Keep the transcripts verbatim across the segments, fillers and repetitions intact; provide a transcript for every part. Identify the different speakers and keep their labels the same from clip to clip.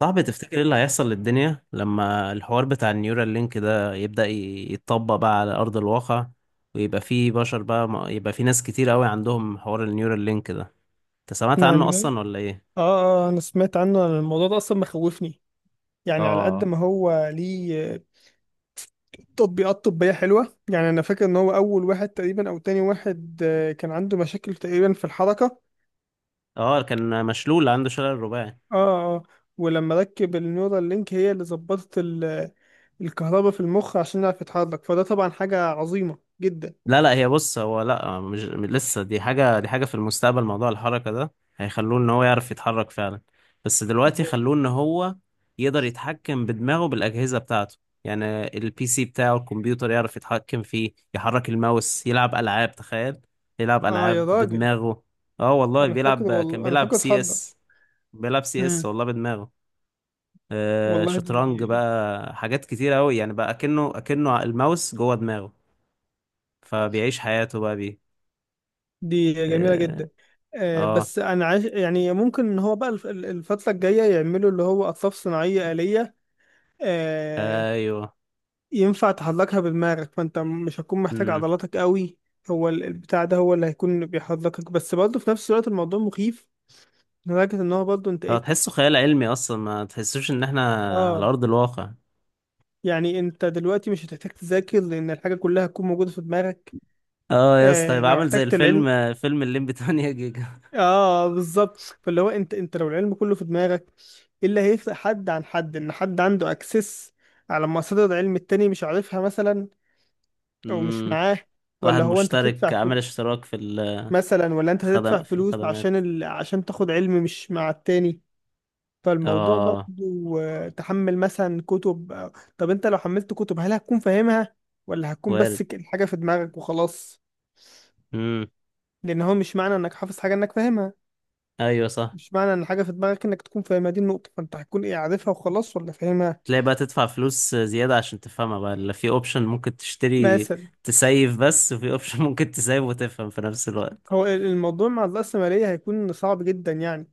Speaker 1: صعب تفتكر ايه اللي هيحصل للدنيا لما الحوار بتاع النيورال لينك ده يبدأ ي- يتطبق بقى على أرض الواقع، ويبقى فيه بشر بقى م- يبقى فيه ناس كتير قوي عندهم حوار النيورال لينك ده. انت سمعت عنه
Speaker 2: يعني،
Speaker 1: اصلا ولا ايه؟
Speaker 2: اه، آه، انا سمعت عنه. أنا الموضوع ده اصلا مخوفني، يعني على قد
Speaker 1: اه،
Speaker 2: ما هو ليه تطبيقات طبية حلوة. يعني انا فاكر ان هو اول واحد تقريبا او تاني واحد، آه، كان عنده مشاكل تقريبا في الحركة.
Speaker 1: اه، كان مشلول، عنده شلل رباعي.
Speaker 2: اه، اه. ولما ركب النيورال لينك هي اللي ظبطت ال- الكهرباء في المخ عشان يعرف يتحرك، فده طبعا حاجة عظيمة جدا.
Speaker 1: لا، لا، هي بص، هو لا، مش لسه دي حاجة دي حاجة في المستقبل. موضوع الحركة ده هيخلوه ان هو يعرف يتحرك فعلا. بس دلوقتي خلوه ان هو يقدر يتحكم بدماغه بالأجهزة بتاعته. يعني البي سي بتاعه، الكمبيوتر، يعرف يتحكم فيه، يحرك الماوس، يلعب ألعاب. تخيل، يلعب
Speaker 2: اه يا
Speaker 1: ألعاب
Speaker 2: راجل،
Speaker 1: بدماغه. اه والله
Speaker 2: انا فاكره
Speaker 1: بيلعب كان
Speaker 2: والله، انا
Speaker 1: بيلعب
Speaker 2: فاكره
Speaker 1: سي
Speaker 2: اتحرك.
Speaker 1: اس. بيلعب سي اس
Speaker 2: امم
Speaker 1: والله بدماغه. آه
Speaker 2: والله
Speaker 1: شطرنج
Speaker 2: دي،
Speaker 1: بقى، حاجات كتير قوي يعني، بقى اكنه اكنه الماوس جوه دماغه. فبيعيش حياته بقى بيه.
Speaker 2: دي جميلة
Speaker 1: اه،
Speaker 2: جدا. آه،
Speaker 1: آه،
Speaker 2: بس أنا عايز يعني، ممكن إن هو بقى الف- الفترة الجاية يعملوا اللي هو أطراف صناعية آلية. آه،
Speaker 1: ايوه،
Speaker 2: ينفع تحركها بدماغك، فأنت مش هتكون محتاج
Speaker 1: امم.
Speaker 2: عضلاتك قوي. هو ال- البتاع ده هو اللي هيكون بيحركك، بس برضه في نفس الوقت الموضوع مخيف لدرجة إن هو برضه أنت
Speaker 1: هو
Speaker 2: إيه.
Speaker 1: تحسه خيال علمي اصلا، ما تحسوش ان احنا على
Speaker 2: آه.
Speaker 1: ارض الواقع.
Speaker 2: يعني أنت دلوقتي مش هتحتاج تذاكر، لأن الحاجة كلها هتكون موجودة في دماغك.
Speaker 1: اه يا اسطى،
Speaker 2: آه،
Speaker 1: هيبقى
Speaker 2: لو
Speaker 1: عامل زي
Speaker 2: احتجت
Speaker 1: الفيلم
Speaker 2: العلم،
Speaker 1: آه، فيلم الليمبي تمنية جيجا.
Speaker 2: اه بالظبط. فاللي هو انت، انت لو العلم كله في دماغك، ايه اللي هيفرق حد عن حد؟ ان حد عنده اكسس على مصادر علم التاني مش عارفها مثلا، او مش
Speaker 1: امم.
Speaker 2: معاه.
Speaker 1: واحد
Speaker 2: ولا هو انت تدفع
Speaker 1: مشترك، عامل
Speaker 2: فلوس
Speaker 1: اشتراك في
Speaker 2: مثلا، ولا انت تدفع
Speaker 1: الخدم في
Speaker 2: فلوس
Speaker 1: الخدمات.
Speaker 2: عشان ال... عشان تاخد علم مش مع التاني. فالموضوع برضه،
Speaker 1: اه،
Speaker 2: آه، تحمل مثلا كتب، آه، طب انت لو حملت كتب هل هتكون فاهمها؟ ولا هتكون
Speaker 1: وارد.
Speaker 2: بس ك- الحاجة في دماغك وخلاص.
Speaker 1: امم.
Speaker 2: لان هو مش معنى انك حافظ حاجة انك فاهمها،
Speaker 1: ايوه صح.
Speaker 2: مش معنى ان حاجه في دماغك انك تكون فاهمها. دي النقطه، فانت هتكون ايه؟ عارفها وخلاص ولا فاهمها؟
Speaker 1: تلاقي بقى تدفع فلوس زيادة عشان تفهمها بقى. اللي في اوبشن ممكن تشتري
Speaker 2: مثلا.
Speaker 1: تسيف بس، وفي اوبشن ممكن تسيف وتفهم في نفس الوقت.
Speaker 2: هو ال- الموضوع مع الرأسمالية هيكون صعب جدا يعني.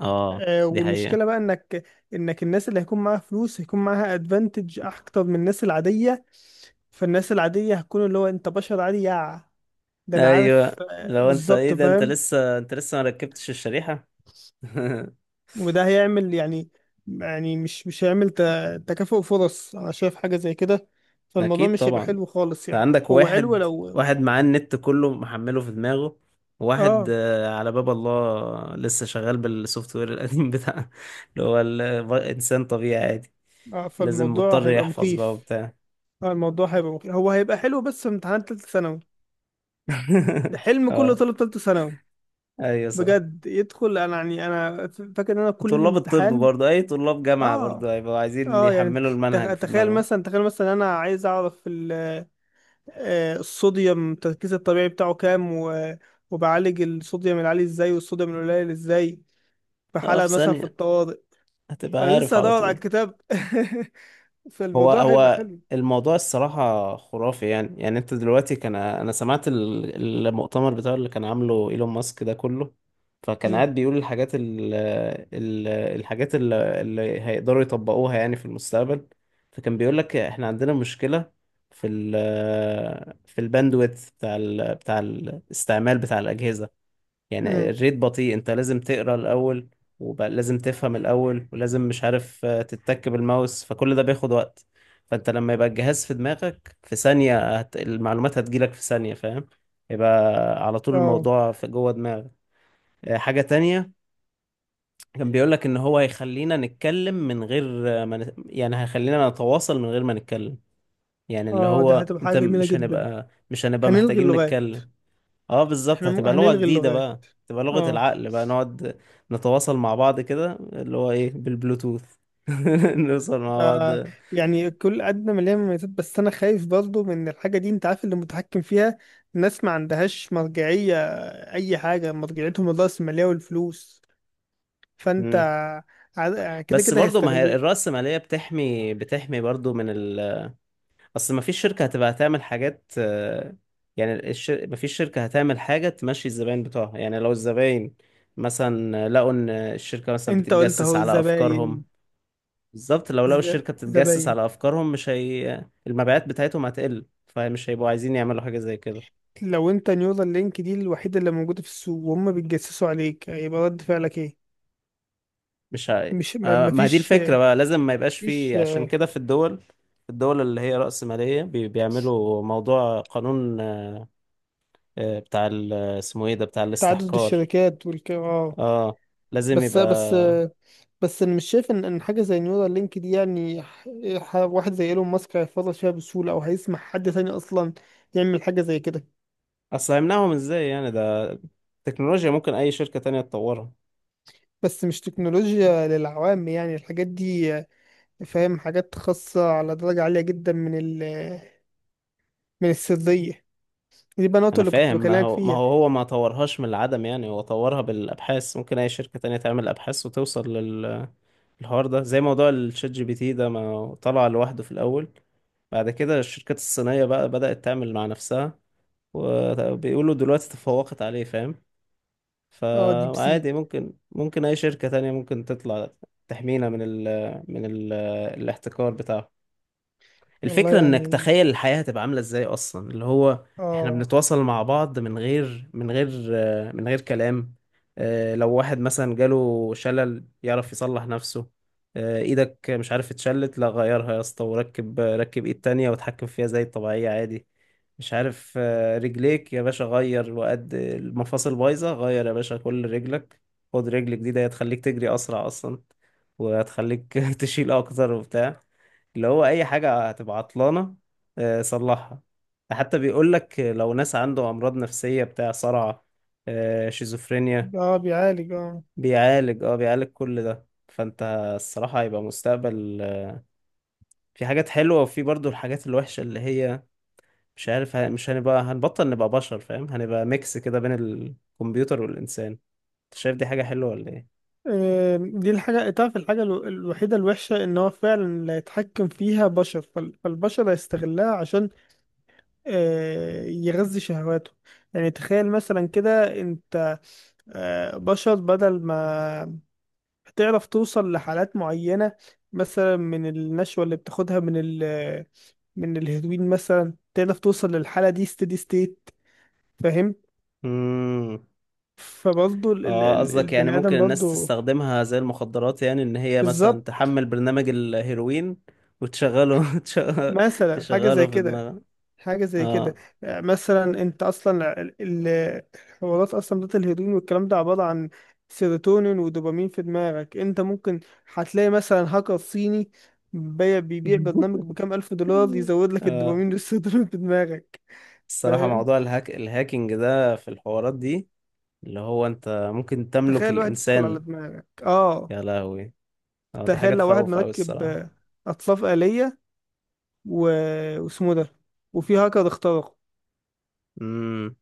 Speaker 1: اه
Speaker 2: آه
Speaker 1: دي حقيقة.
Speaker 2: والمشكله بقى انك انك الناس اللي هيكون معاها فلوس هيكون معاها ادفانتج اكتر من الناس العاديه. فالناس العاديه هتكون اللي هو انت بشر عادي يا. ده انا
Speaker 1: ايوه،
Speaker 2: عارف، آه
Speaker 1: لو انت ايه
Speaker 2: بالظبط
Speaker 1: ده، انت
Speaker 2: فاهم.
Speaker 1: لسه انت لسه ما ركبتش الشريحة.
Speaker 2: وده هيعمل يعني، يعني مش مش هيعمل ت- تكافؤ فرص. انا شايف حاجه زي كده، فالموضوع
Speaker 1: اكيد
Speaker 2: مش هيبقى
Speaker 1: طبعا. انت
Speaker 2: حلو خالص يعني،
Speaker 1: عندك
Speaker 2: هو حلو
Speaker 1: واحد
Speaker 2: لو.
Speaker 1: واحد معاه النت كله محمله في دماغه، وواحد
Speaker 2: اه،
Speaker 1: آه، على باب الله لسه شغال بالسوفت وير القديم بتاعه، اللي هو ال- انسان طبيعي عادي،
Speaker 2: اه.
Speaker 1: لازم
Speaker 2: فالموضوع
Speaker 1: مضطر
Speaker 2: هيبقى
Speaker 1: يحفظ بقى
Speaker 2: مخيف.
Speaker 1: وبتاع.
Speaker 2: اه الموضوع هيبقى مخيف، هو هيبقى حلو بس في امتحانات تالتة ثانوي. حلم كل
Speaker 1: اه،
Speaker 2: طالب تالتة ثانوي
Speaker 1: ايوه صح.
Speaker 2: بجد يدخل. انا يعني، انا ف- فاكر ان انا كل
Speaker 1: وطلاب الطب
Speaker 2: امتحان.
Speaker 1: برضه، اي طلاب جامعة
Speaker 2: اه،
Speaker 1: برضه، هيبقوا عايزين
Speaker 2: اه. يعني
Speaker 1: يحملوا
Speaker 2: تخ-
Speaker 1: المنهج في
Speaker 2: تخيل
Speaker 1: دماغهم.
Speaker 2: مثلا تخيل مثلا انا عايز اعرف ال- آه، الصوديوم. التركيز الطبيعي بتاعه كام، و- وبعالج الصوديوم العالي ازاي والصوديوم القليل ازاي، في
Speaker 1: اه، في
Speaker 2: حالة مثلا في
Speaker 1: ثانية
Speaker 2: الطوارئ.
Speaker 1: هتبقى
Speaker 2: وانا
Speaker 1: عارف
Speaker 2: لسه
Speaker 1: على
Speaker 2: هدور على
Speaker 1: طول.
Speaker 2: الكتاب
Speaker 1: هو
Speaker 2: فالموضوع هيبقى
Speaker 1: هو
Speaker 2: حلو.
Speaker 1: الموضوع الصراحة خرافي. يعني يعني انت دلوقتي، كان انا سمعت ال- المؤتمر بتاعه اللي كان عامله ايلون ماسك ده كله، فكان
Speaker 2: مم.
Speaker 1: قاعد بيقول الحاجات ال ال الحاجات ال- اللي هيقدروا يطبقوها يعني في المستقبل. فكان بيقول لك احنا عندنا مشكلة في ال في الباندويت بتاع ال بتاع الاستعمال بتاع الأجهزة. يعني
Speaker 2: مم.
Speaker 1: الريت بطيء، انت لازم تقرا الاول ولازم تفهم الاول ولازم مش عارف، آه، تتك بالماوس، فكل ده بياخد وقت. فانت لما يبقى الجهاز في دماغك، في ثانية هت... المعلومات هتجيلك في ثانية، فاهم؟ يبقى على طول
Speaker 2: اه،
Speaker 1: الموضوع في جوه دماغك. آه، حاجة تانية، كان بيقولك ان هو هيخلينا نتكلم من غير آه، ما نت... يعني هيخلينا نتواصل من غير ما نتكلم. يعني اللي
Speaker 2: اه ده
Speaker 1: هو
Speaker 2: هتبقى حاجة
Speaker 1: انت،
Speaker 2: جميلة
Speaker 1: مش
Speaker 2: جدا.
Speaker 1: هنبقى مش هنبقى
Speaker 2: هنلغي
Speaker 1: محتاجين
Speaker 2: اللغات،
Speaker 1: نتكلم. اه بالظبط،
Speaker 2: احنا م...
Speaker 1: هتبقى لغة
Speaker 2: هنلغي
Speaker 1: جديدة
Speaker 2: اللغات.
Speaker 1: بقى، تبقى لغة
Speaker 2: اه.
Speaker 1: العقل بقى، نقعد نتواصل مع بعض كده، اللي هو ايه، بالبلوتوث. نوصل مع بعض.
Speaker 2: آه، يعني كل قد ما ليها مميزات، بس انا خايف برضو من الحاجة دي. انت عارف اللي متحكم فيها، الناس ما عندهاش مرجعية، اي حاجة مرجعيتهم الرأسمالية والفلوس. فانت
Speaker 1: مم.
Speaker 2: ع- كده
Speaker 1: بس
Speaker 2: كده
Speaker 1: برضو ما هي
Speaker 2: هيستغلوه.
Speaker 1: الرأسمالية بتحمي بتحمي برضو من ال أصل. ما فيش شركة هتبقى هتعمل حاجات، آه، يعني الشر... ما فيش شركة هتعمل حاجة تمشي الزباين بتوعها. يعني لو الزباين مثلا لقوا إن الشركة مثلا
Speaker 2: انت قلت
Speaker 1: بتتجسس
Speaker 2: اهو،
Speaker 1: على أفكارهم.
Speaker 2: زباين،
Speaker 1: بالظبط، لو لقوا
Speaker 2: ز-
Speaker 1: الشركة بتتجسس
Speaker 2: زباين.
Speaker 1: على أفكارهم، مش هي المبيعات بتاعتهم هتقل؟ فمش هيبقوا عايزين يعملوا حاجة زي كده.
Speaker 2: لو انت نيورال لينك دي الوحيدة اللي موجودة في السوق وهم بيتجسسوا عليك، هيبقى رد فعلك ايه؟
Speaker 1: مش ه...
Speaker 2: مش ما-
Speaker 1: آه، ما هي دي
Speaker 2: مفيش،
Speaker 1: الفكرة بقى، لازم ما يبقاش
Speaker 2: مفيش.
Speaker 1: فيه. عشان كده في الدول، الدول اللي هي رأسمالية، بي... بيعملوا موضوع قانون، آه، بتاع ال... اسمه ايه ده، بتاع
Speaker 2: تعدد
Speaker 1: الاستحكار.
Speaker 2: الشركات والك اه.
Speaker 1: اه، لازم
Speaker 2: بس
Speaker 1: يبقى.
Speaker 2: بس بس انا مش شايف ان ان حاجه زي نيورال لينك دي يعني، ح- ح- واحد زي ايلون ماسك هيفرط فيها بسهوله او هيسمح حد تاني اصلا يعمل حاجه زي كده.
Speaker 1: أصل هيمنعهم ازاي يعني؟ ده تكنولوجيا ممكن أي شركة تانية تطورها.
Speaker 2: بس مش تكنولوجيا للعوام يعني، الحاجات دي، فاهم، حاجات خاصه على درجه عاليه جدا من ال، من السريه. دي بقى النقطه
Speaker 1: انا
Speaker 2: اللي كنت
Speaker 1: فاهم، ما
Speaker 2: بكلمك
Speaker 1: هو ما
Speaker 2: فيها.
Speaker 1: هو هو ما طورهاش من العدم يعني، هو طورها بالابحاث. ممكن اي شركة تانية تعمل ابحاث وتوصل لل- للحوار ده. زي موضوع الشات جي بي تي ده، ما هو طلع لوحده في الاول، بعد كده الشركات الصينية بقى بدأت تعمل مع نفسها، وبيقولوا دلوقتي تفوقت عليه، فاهم؟
Speaker 2: اه، ديب سيك.
Speaker 1: فعادي، ممكن ممكن اي شركة تانية ممكن تطلع تحمينا من ال من ال الاحتكار بتاعه.
Speaker 2: والله
Speaker 1: الفكرة انك
Speaker 2: يعني،
Speaker 1: تخيل الحياة هتبقى عاملة ازاي اصلا، اللي هو احنا
Speaker 2: اه،
Speaker 1: بنتواصل مع بعض من غير من غير آه، من غير كلام. آه، لو واحد مثلا جاله شلل يعرف يصلح نفسه. آه، ايدك مش عارف اتشلت، لا غيرها يا اسطى، وركب ركب ايد تانية واتحكم فيها زي الطبيعية عادي. مش عارف، آه، رجليك يا باشا غير، وقد المفاصل بايظة غير يا باشا كل رجلك، خد رجل جديدة هتخليك تجري اسرع اصلا، وهتخليك تشيل اكتر وبتاع. اللي هو اي حاجة هتبقى عطلانة، آه، صلحها. حتى بيقول لك لو ناس عنده امراض نفسية، بتاع صرع، آه، شيزوفرينيا،
Speaker 2: اه بيعالج اه.
Speaker 1: بيعالج اه بيعالج كل ده. فانت الصراحة هيبقى مستقبل، آه، في حاجات حلوة، وفي برضو الحاجات الوحشة، اللي هي مش عارف، ه- مش هنبقى، هنبطل نبقى بشر، فاهم؟ هنبقى ميكس كده بين الكمبيوتر والإنسان. انت شايف دي حاجة حلوة ولا ايه؟
Speaker 2: آم، دي الحاجة، تعرف الحاجة الو- الوحيدة الوحشة إن هو فعلا اللي هيتحكم فيها بشر. فال- فالبشر هيستغلها عشان آه، يغذي شهواته. يعني تخيل مثلا كده أنت، آه، بشر، بدل ما هتعرف توصل لحالات معينة مثلا من النشوة اللي بتاخدها من ال، من الهيروين مثلا، تعرف توصل للحالة دي ستيدي ستيت، فاهم.
Speaker 1: مم.
Speaker 2: فبرضه ال- ال-
Speaker 1: اه،
Speaker 2: ال-
Speaker 1: قصدك يعني
Speaker 2: البني
Speaker 1: ممكن
Speaker 2: آدم
Speaker 1: الناس
Speaker 2: برضه.
Speaker 1: تستخدمها زي المخدرات، يعني ان هي مثلا
Speaker 2: بالظبط،
Speaker 1: تحمل برنامج الهيروين وتشغله تشغ-
Speaker 2: مثلا حاجة
Speaker 1: تشغله
Speaker 2: زي
Speaker 1: في
Speaker 2: كده،
Speaker 1: دماغها.
Speaker 2: حاجة زي كده.
Speaker 1: اه،
Speaker 2: آه، مثلا انت اصلا ال- ال- الحوارات اصلا بتاعت الهيروين والكلام ده عبارة عن سيروتونين ودوبامين في دماغك. انت ممكن هتلاقي مثلا هاكر صيني بي- بيبيع برنامج بكام الف دولار، يزود لك
Speaker 1: اه،
Speaker 2: الدوبامين والسيروتونين في دماغك.
Speaker 1: الصراحة
Speaker 2: فاهم،
Speaker 1: موضوع الهاك الهاكينج ده في الحوارات دي، اللي هو انت ممكن تملك
Speaker 2: تخيل واحد يدخل على
Speaker 1: الانسان.
Speaker 2: دماغك، اه.
Speaker 1: يا لهوي، اه دي حاجة
Speaker 2: تخيل لو واحد
Speaker 1: تخوف اوي
Speaker 2: مركب
Speaker 1: الصراحة.
Speaker 2: آه، اطراف آلية، و... واسمه ده، وفي هاكر اخترقه،
Speaker 1: امم.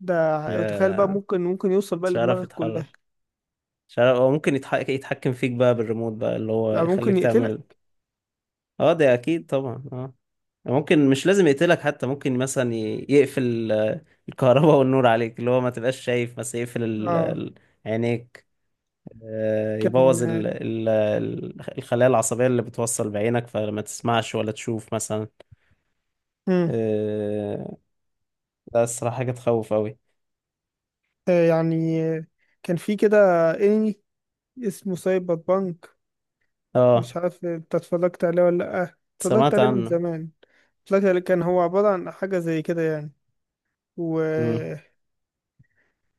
Speaker 2: ده تخيل بقى،
Speaker 1: يا
Speaker 2: ممكن، ممكن يوصل بقى
Speaker 1: مش عارف
Speaker 2: لدماغك كلها.
Speaker 1: يتحرك، مش عارف، هو ممكن يتحك... يتحكم فيك بقى بالريموت بقى، اللي هو
Speaker 2: لا، ممكن
Speaker 1: يخليك تعمل.
Speaker 2: يقتلك.
Speaker 1: اه ده اكيد طبعا، اه. ممكن مش لازم يقتلك حتى، ممكن مثلا ي- يقفل، آه، الكهرباء والنور عليك، اللي هو ما تبقاش شايف، بس يقفل ال-
Speaker 2: اه
Speaker 1: ال- عينيك، آه،
Speaker 2: كان.
Speaker 1: يبوظ ال- ال- ال- الخلايا العصبية اللي بتوصل بعينك، فما تسمعش ولا تشوف مثلا.
Speaker 2: مم.
Speaker 1: آه، ده الصراحة حاجة تخوف أوي.
Speaker 2: آه، يعني آه، كان في كده انمي اسمه سايبر بانك.
Speaker 1: اه،
Speaker 2: مش عارف انت اتفرجت عليه ولا لأ، اتفرجت
Speaker 1: سمعت
Speaker 2: عليه من
Speaker 1: عنه.
Speaker 2: زمان. اتفرجت عليه، كان هو عبارة عن حاجة زي كده يعني، و...
Speaker 1: مم.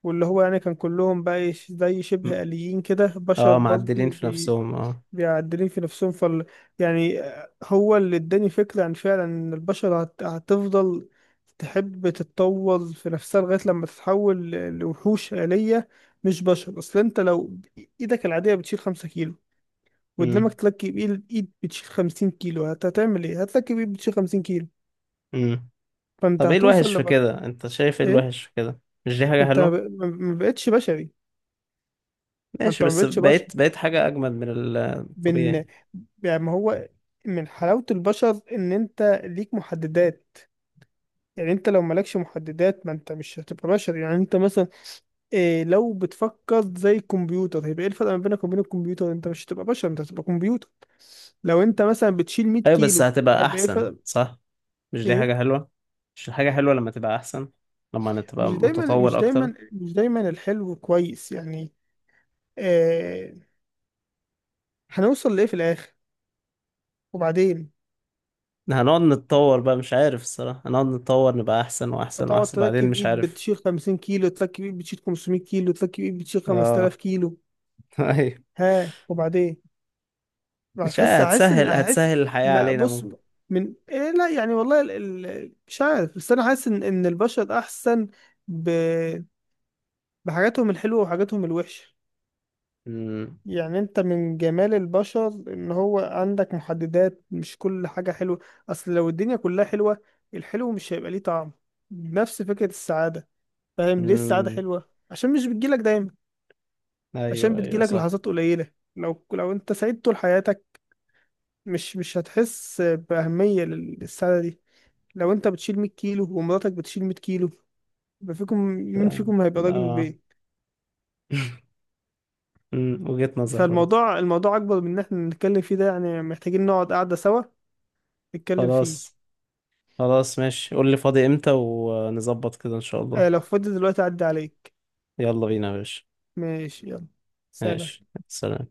Speaker 2: واللي هو يعني كان كلهم بقى إيه، زي
Speaker 1: مم.
Speaker 2: شبه آليين كده، بشر
Speaker 1: اه، معدلين
Speaker 2: برضه،
Speaker 1: في نفسهم، اه.
Speaker 2: بيعدلين في نفسهم. فال، يعني هو اللي اداني فكرة عن فعلا ان البشر هت... هتفضل تحب تتطور في نفسها لغاية لما تتحول ل- لوحوش آلية مش بشر. اصل انت لو ايدك العادية بتشيل خمسة كيلو، وقدامك
Speaker 1: مم.
Speaker 2: تركب ايد، ايد بتشيل خمسين كيلو، هت... هتعمل ايه؟ هتركب ايد بتشيل خمسين كيلو.
Speaker 1: مم.
Speaker 2: فانت
Speaker 1: طب ايه
Speaker 2: هتوصل
Speaker 1: الوحش في
Speaker 2: لما
Speaker 1: كده؟ انت شايف ايه
Speaker 2: ايه؟
Speaker 1: الوحش في كده؟ مش دي حاجة
Speaker 2: انت ب...
Speaker 1: حلوة؟
Speaker 2: ما ما بقتش بشري، ما
Speaker 1: ماشي،
Speaker 2: انت ما
Speaker 1: بس
Speaker 2: بقتش بشر.
Speaker 1: بقيت بقيت حاجة أجمد من الطبيعي.
Speaker 2: بن يعني ما هو من حلاوة البشر ان انت ليك محددات. يعني انت لو مالكش محددات ما انت مش هتبقى بشر، يعني انت مثلا إيه، لو بتفكر زي الكمبيوتر هيبقى ايه الفرق ما بينك وبين الكمبيوتر؟ انت مش هتبقى بشر، انت هتبقى كمبيوتر. لو انت مثلا بتشيل 100
Speaker 1: ايوه بس
Speaker 2: كيلو،
Speaker 1: هتبقى
Speaker 2: هيبقى ايه
Speaker 1: احسن
Speaker 2: الفرق؟
Speaker 1: صح؟ مش دي
Speaker 2: ايه،
Speaker 1: حاجة حلوة؟ مش حاجة حلوة لما تبقى احسن، لما تبقى
Speaker 2: مش دايما، مش
Speaker 1: متطور اكتر؟
Speaker 2: دايما، مش دايما الحلو كويس يعني. آه هنوصل لايه في الاخر؟ وبعدين،
Speaker 1: هنقعد نتطور بقى، مش عارف الصراحة، هنقعد نتطور نبقى احسن واحسن
Speaker 2: هتقعد
Speaker 1: واحسن، بعدين
Speaker 2: تركب
Speaker 1: مش
Speaker 2: ايد
Speaker 1: عارف.
Speaker 2: بتشيل 50 كيلو، تركب ايد بتشيل 500 كيلو، تركب ايد بتشيل 5000
Speaker 1: اه.
Speaker 2: كيلو،
Speaker 1: ايوه.
Speaker 2: ها وبعدين؟
Speaker 1: مش عارف،
Speaker 2: هحس هحس ان
Speaker 1: هتسهل
Speaker 2: هحس.
Speaker 1: هتسهل الحياة
Speaker 2: ما
Speaker 1: علينا
Speaker 2: بص،
Speaker 1: ممكن.
Speaker 2: من إيه، لا يعني والله ال- ال- مش عارف، بس انا حاسس ان ان البشر احسن ب... بحاجاتهم الحلوه وحاجاتهم الوحشه.
Speaker 1: امم،
Speaker 2: يعني انت من جمال البشر ان هو عندك محددات، مش كل حاجه حلوه. اصل لو الدنيا كلها حلوه، الحلو مش هيبقى ليه طعم. نفس فكره السعاده، فاهم ليه السعاده
Speaker 1: امم،
Speaker 2: حلوه؟ عشان مش بتجيلك دايما، عشان
Speaker 1: ايوه، ايوه
Speaker 2: بتجيلك
Speaker 1: صح.
Speaker 2: لحظات قليله. لو لو انت سعيد طول حياتك، مش مش هتحس بأهمية للسعادة دي. لو انت بتشيل 100 كيلو ومراتك بتشيل 100 كيلو، يبقى فيكم مين فيكم هيبقى راجل
Speaker 1: اه.
Speaker 2: البيت؟
Speaker 1: أمم، وجهة نظر برضه.
Speaker 2: فالموضوع، الموضوع اكبر من ان احنا نتكلم فيه ده يعني، محتاجين نقعد قعدة سوا نتكلم فيه.
Speaker 1: خلاص، خلاص ماشي، قول لي فاضي امتى ونظبط كده ان شاء
Speaker 2: آه لو
Speaker 1: الله.
Speaker 2: فاضي دلوقتي اعدي عليك.
Speaker 1: يلا بينا يا باشا.
Speaker 2: ماشي، يلا،
Speaker 1: ماشي
Speaker 2: سلام.
Speaker 1: سلام.